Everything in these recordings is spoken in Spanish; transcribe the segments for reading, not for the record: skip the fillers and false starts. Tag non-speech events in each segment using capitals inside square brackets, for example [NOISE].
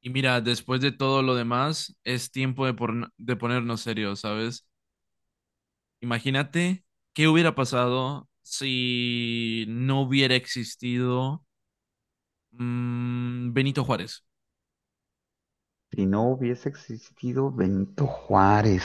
Y mira, después de todo lo demás, es tiempo de, de ponernos serios, ¿sabes? Imagínate qué hubiera pasado si no hubiera existido Benito Juárez. Si no hubiese existido Benito Juárez.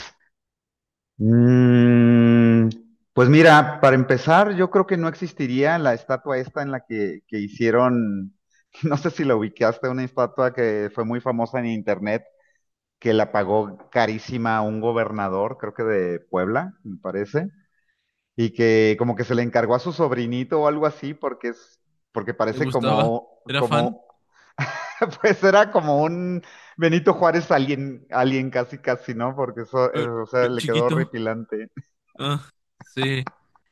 Mm, pues mira, para empezar, yo creo que no existiría la estatua esta que hicieron, [LAUGHS] no sé si la ubicaste, una estatua que fue muy famosa en internet, que la pagó carísima a un gobernador, creo que de Puebla, me parece, y que como que se le encargó a su sobrinito o algo así, porque ¿Le parece gustaba? ¿Era fan? como [LAUGHS] pues era como un Benito Juárez alien, alien casi casi, ¿no? Porque eso, eso, o sea, le quedó Chiquito. horripilante. Ah, sí.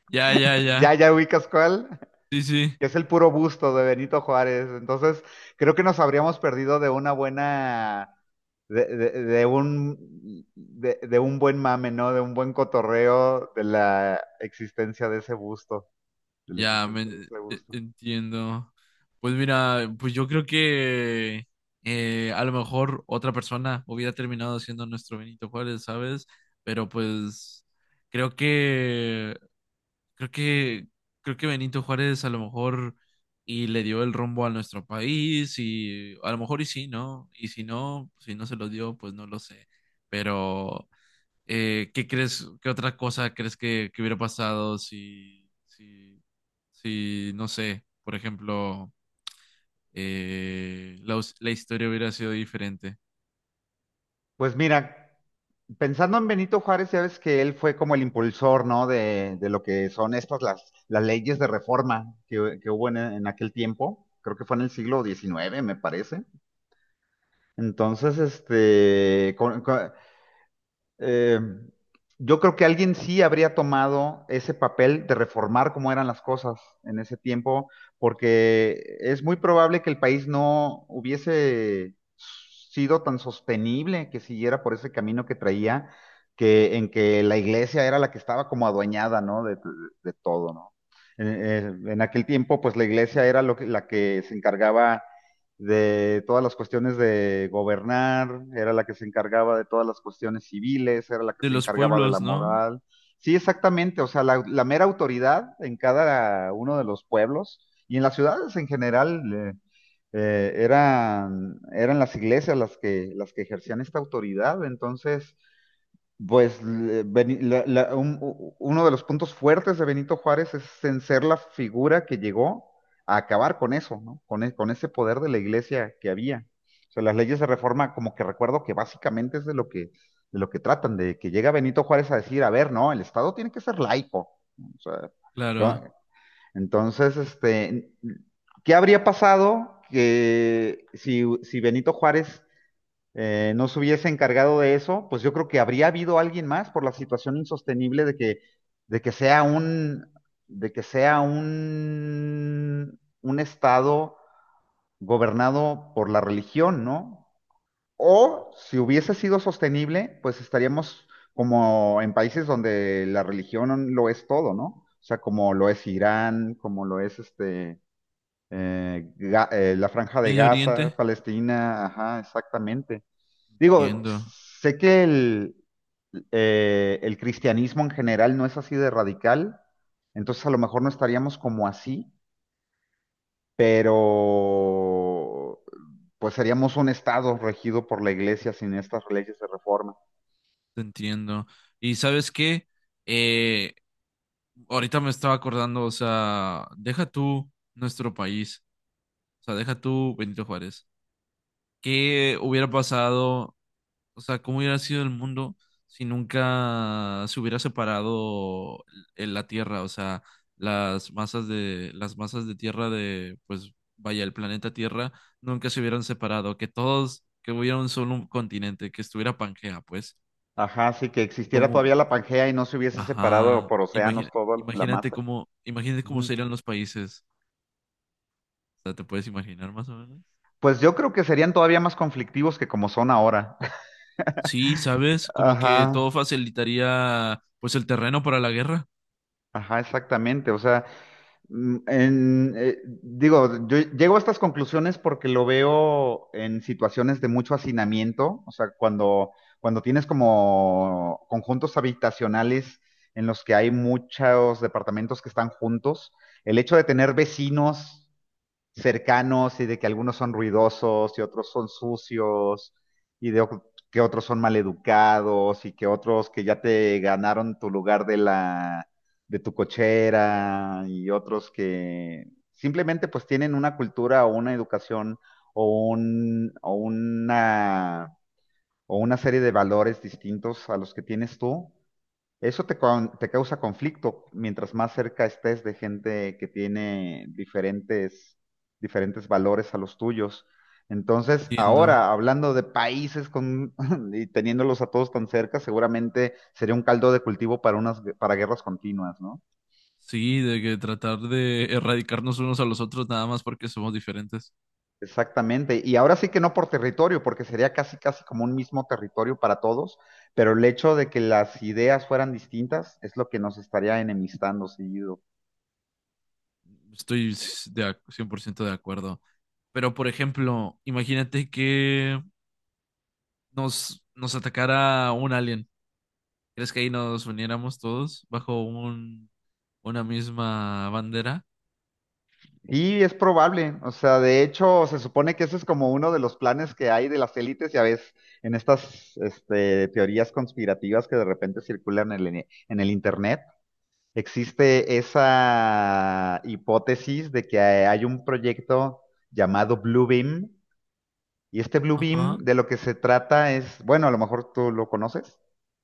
Ya, ya, [LAUGHS] Ya, ya. ya ubicas cuál, Sí, sí. que es el puro busto de Benito Juárez. Entonces, creo que nos habríamos perdido de una buena, de, de- de un, de un buen mame, ¿no? De un buen cotorreo de la existencia de ese busto, de la Ya, me, existencia de ese busto. entiendo. Pues mira, pues yo creo que a lo mejor otra persona hubiera terminado siendo nuestro Benito Juárez, ¿sabes? Pero pues creo que creo que creo que Benito Juárez a lo mejor y le dio el rumbo a nuestro país y a lo mejor y sí, ¿no? Y si no, si no se lo dio, pues no lo sé. Pero ¿qué crees, qué otra cosa crees que hubiera pasado si, no sé, por ejemplo, la historia hubiera sido diferente? Pues mira, pensando en Benito Juárez, ya ves que él fue como el impulsor, ¿no? De lo que son estas, las leyes de reforma que hubo en aquel tiempo. Creo que fue en el siglo XIX, me parece. Entonces, eh, yo creo que alguien sí habría tomado ese papel de reformar cómo eran las cosas en ese tiempo, porque es muy probable que el país no hubiese sido tan sostenible que siguiera por ese camino que traía, que en que la iglesia era la que estaba como adueñada, ¿no? De todo, ¿no? En aquel tiempo, pues la iglesia era la que se encargaba de todas las cuestiones de gobernar, era la que se encargaba de todas las cuestiones civiles, era la que De se los encargaba de la pueblos, ¿no? moral. Sí, exactamente, o sea, la mera autoridad en cada uno de los pueblos y en las ciudades en general, eran las iglesias las que ejercían esta autoridad, entonces pues uno de los puntos fuertes de Benito Juárez es en ser la figura que llegó a acabar con eso, ¿no? Con ese poder de la iglesia que había. O sea, las leyes de reforma, como que recuerdo que básicamente es de lo de lo que tratan, de que llega Benito Juárez a decir, a ver, no, el Estado tiene que ser laico. O sea, ¿qué Claro. va- entonces, ¿qué habría pasado que si Benito Juárez no se hubiese encargado de eso? Pues yo creo que habría habido alguien más por la situación insostenible de que sea un, de que sea un estado gobernado por la religión, ¿no? O si hubiese sido sostenible, pues estaríamos como en países donde la religión lo es todo, ¿no? O sea, como lo es Irán, como lo es la Franja de Medio Gaza, Oriente. Palestina, ajá, exactamente. Digo, Entiendo, sé que el cristianismo en general no es así de radical, entonces a lo mejor no estaríamos como así, pero pues seríamos un estado regido por la iglesia sin estas leyes de reforma. te entiendo. Y sabes qué. Eh, Ahorita me estaba acordando, o sea, deja tú nuestro país, o sea, deja tú Benito Juárez. ¿Qué hubiera pasado? O sea, ¿cómo hubiera sido el mundo si nunca se hubiera separado en la Tierra? O sea, las masas de Tierra de, pues, vaya, el planeta Tierra nunca se hubieran separado, que todos, que hubiera un solo continente, que estuviera Pangea, pues, Ajá, sí, que existiera como, todavía la Pangea y no se hubiese separado ajá, por océanos toda la masa. Imagínate cómo Ujú. serían los países. O sea, ¿te puedes imaginar más o menos? Pues yo creo que serían todavía más conflictivos que como son ahora. Sí, ¿sabes? Como Ajá, que todo facilitaría, pues, el terreno para la guerra. ajá, exactamente. O sea, digo, yo llego a estas conclusiones porque lo veo en situaciones de mucho hacinamiento, o sea, cuando tienes como conjuntos habitacionales en los que hay muchos departamentos que están juntos, el hecho de tener vecinos cercanos y de que algunos son ruidosos y otros son sucios y de o- que otros son maleducados y que otros que ya te ganaron tu lugar de tu cochera y otros que simplemente pues tienen una cultura o una educación o un o una serie de valores distintos a los que tienes tú, te causa conflicto mientras más cerca estés de gente que tiene diferentes valores a los tuyos. Entonces, Entiendo. ahora, hablando de países con, [LAUGHS] y teniéndolos a todos tan cerca, seguramente sería un caldo de cultivo para para guerras continuas, ¿no? Sí, de que tratar de erradicarnos unos a los otros nada más porque somos diferentes. Exactamente. Y ahora sí que no por territorio, porque sería casi, casi como un mismo territorio para todos, pero el hecho de que las ideas fueran distintas es lo que nos estaría enemistando seguido. Estoy s- de ac- 100% de acuerdo. Pero, por ejemplo, imagínate que nos atacara un alien. ¿Crees que ahí nos uniéramos todos bajo un, una misma bandera? Y es probable, o sea, de hecho, se supone que ese es como uno de los planes que hay de las élites, ya ves, en teorías conspirativas que de repente circulan en en el internet, existe esa hipótesis de que hay un proyecto llamado Blue Beam, y este Blue Beam Ajá. de lo que se trata es, bueno, a lo mejor tú lo conoces,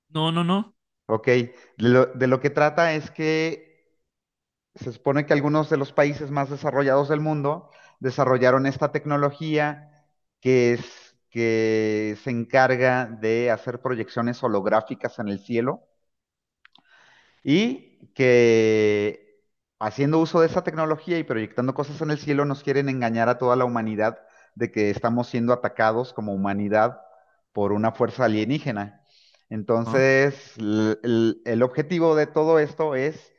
No, no, no. ok, de lo que trata es que se supone que algunos de los países más desarrollados del mundo desarrollaron esta tecnología que es que se encarga de hacer proyecciones holográficas en el cielo y que haciendo uso de esa tecnología y proyectando cosas en el cielo nos quieren engañar a toda la humanidad de que estamos siendo atacados como humanidad por una fuerza alienígena. Ajá. Entonces, el objetivo de todo esto es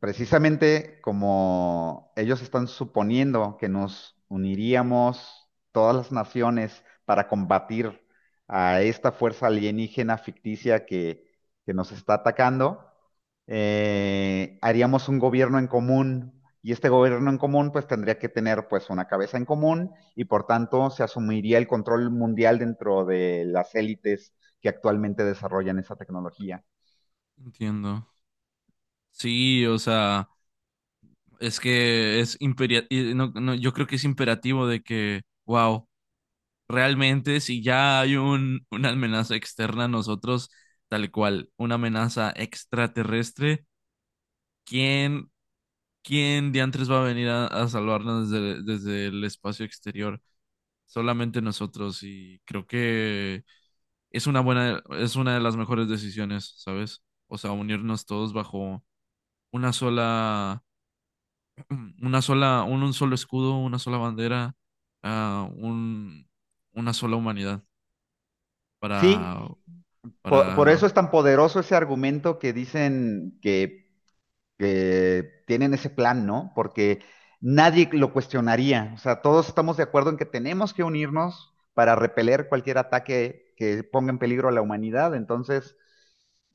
precisamente como ellos están suponiendo que nos uniríamos todas las naciones para combatir a esta fuerza alienígena ficticia que nos está atacando. Haríamos un gobierno en común y este gobierno en común pues tendría que tener pues una cabeza en común y por tanto se asumiría el control mundial dentro de las élites que actualmente desarrollan esa tecnología. Entiendo. Sí, o sea, es que es imperia- y no- no, yo creo que es imperativo de que, wow. Realmente si ya hay un, una amenaza externa a nosotros, tal cual, una amenaza extraterrestre, ¿quién, ¿quién diantres va a venir a salvarnos desde el espacio exterior? Solamente nosotros y creo que es una buena, es una de las mejores decisiones, ¿sabes? O sea, unirnos todos bajo una sola, [CLEARS THROAT] una sola, un solo escudo, una sola bandera, ah, un, una sola humanidad. Sí, para, por eso para, es tan poderoso ese argumento que dicen que tienen ese plan, ¿no? Porque nadie lo cuestionaría. O sea, todos estamos de acuerdo en que tenemos que unirnos para repeler cualquier ataque que ponga en peligro a la humanidad. Entonces,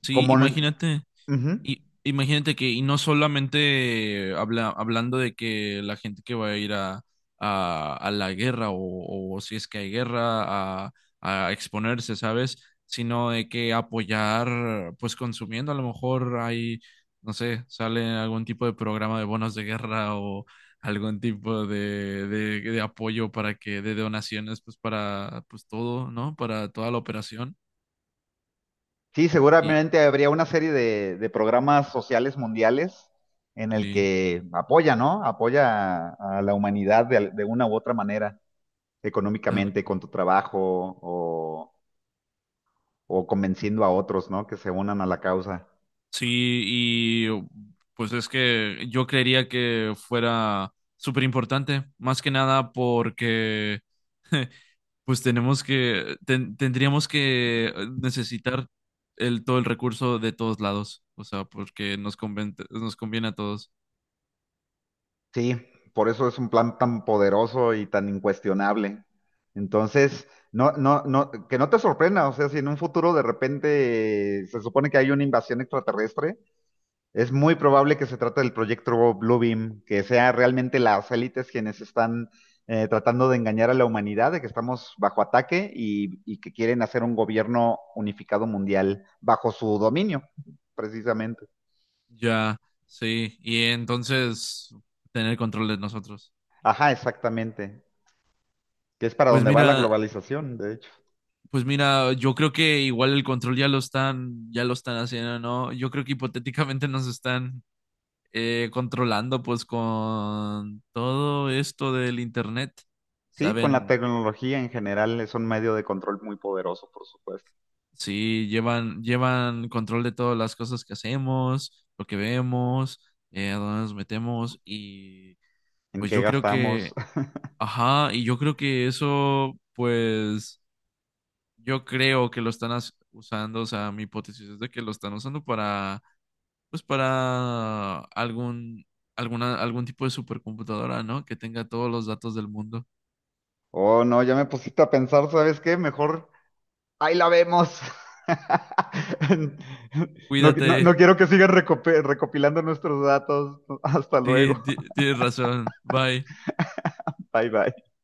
sí, como... imagínate, ujú. y, imagínate que, y no solamente hablando de que la gente que va a ir a la guerra o si es que hay guerra, a exponerse, ¿sabes? Sino de que apoyar, pues consumiendo, a lo mejor hay, no sé, sale algún tipo de programa de bonos de guerra o algún tipo de apoyo para que, de donaciones, pues para, pues todo, ¿no? Para toda la operación. Sí, Y seguramente habría una serie de programas sociales mundiales en el sí, que apoya, ¿no? Apoya a la humanidad de una u otra manera, tal económicamente, con cual. tu trabajo o o convenciendo a otros, ¿no? Que se unan a la causa. Sí, y oh, pues es que yo creería que fuera súper importante, más que nada porque [LAUGHS] pues tenemos tendríamos que necesitar el, todo el recurso de todos lados, o sea, porque nos conviene a todos. Sí, por eso es un plan tan poderoso y tan incuestionable. Entonces, no, no, no, que no te sorprenda, o sea, si en un futuro de repente se supone que hay una invasión extraterrestre, es muy probable que se trate del proyecto Bluebeam, que sea realmente las élites quienes están tratando de engañar a la humanidad, de que estamos bajo ataque, y que quieren hacer un gobierno unificado mundial bajo su dominio, precisamente. Ya, sí, y entonces tener control de nosotros. Ajá, exactamente. Que es para Pues donde va la mira, globalización, de hecho. pues mira, yo creo que igual el control ya lo están haciendo, ¿no? Yo creo que hipotéticamente nos están controlando, pues, con todo esto del internet. Sí, con la Saben, tecnología en general es un medio de control muy poderoso, por supuesto. sí, llevan control de todas las cosas que hacemos, lo que vemos, a dónde nos metemos, y ¿En pues qué yo creo gastamos? que, [LAUGHS] ajá, y yo creo que eso, pues, yo creo que usando, o sea, mi hipótesis es de que lo están usando para pues para algún, alguna, algún tipo de supercomputadora, ¿no? Que tenga todos los datos del mundo. Oh, no, ya me pusiste a pensar, ¿sabes qué? Mejor ahí la vemos. [LAUGHS] No, no Cuídate. quiero que sigan recopilando nuestros datos. Hasta Sí, luego. Tienes razón. Bye. [LAUGHS] Bye bye.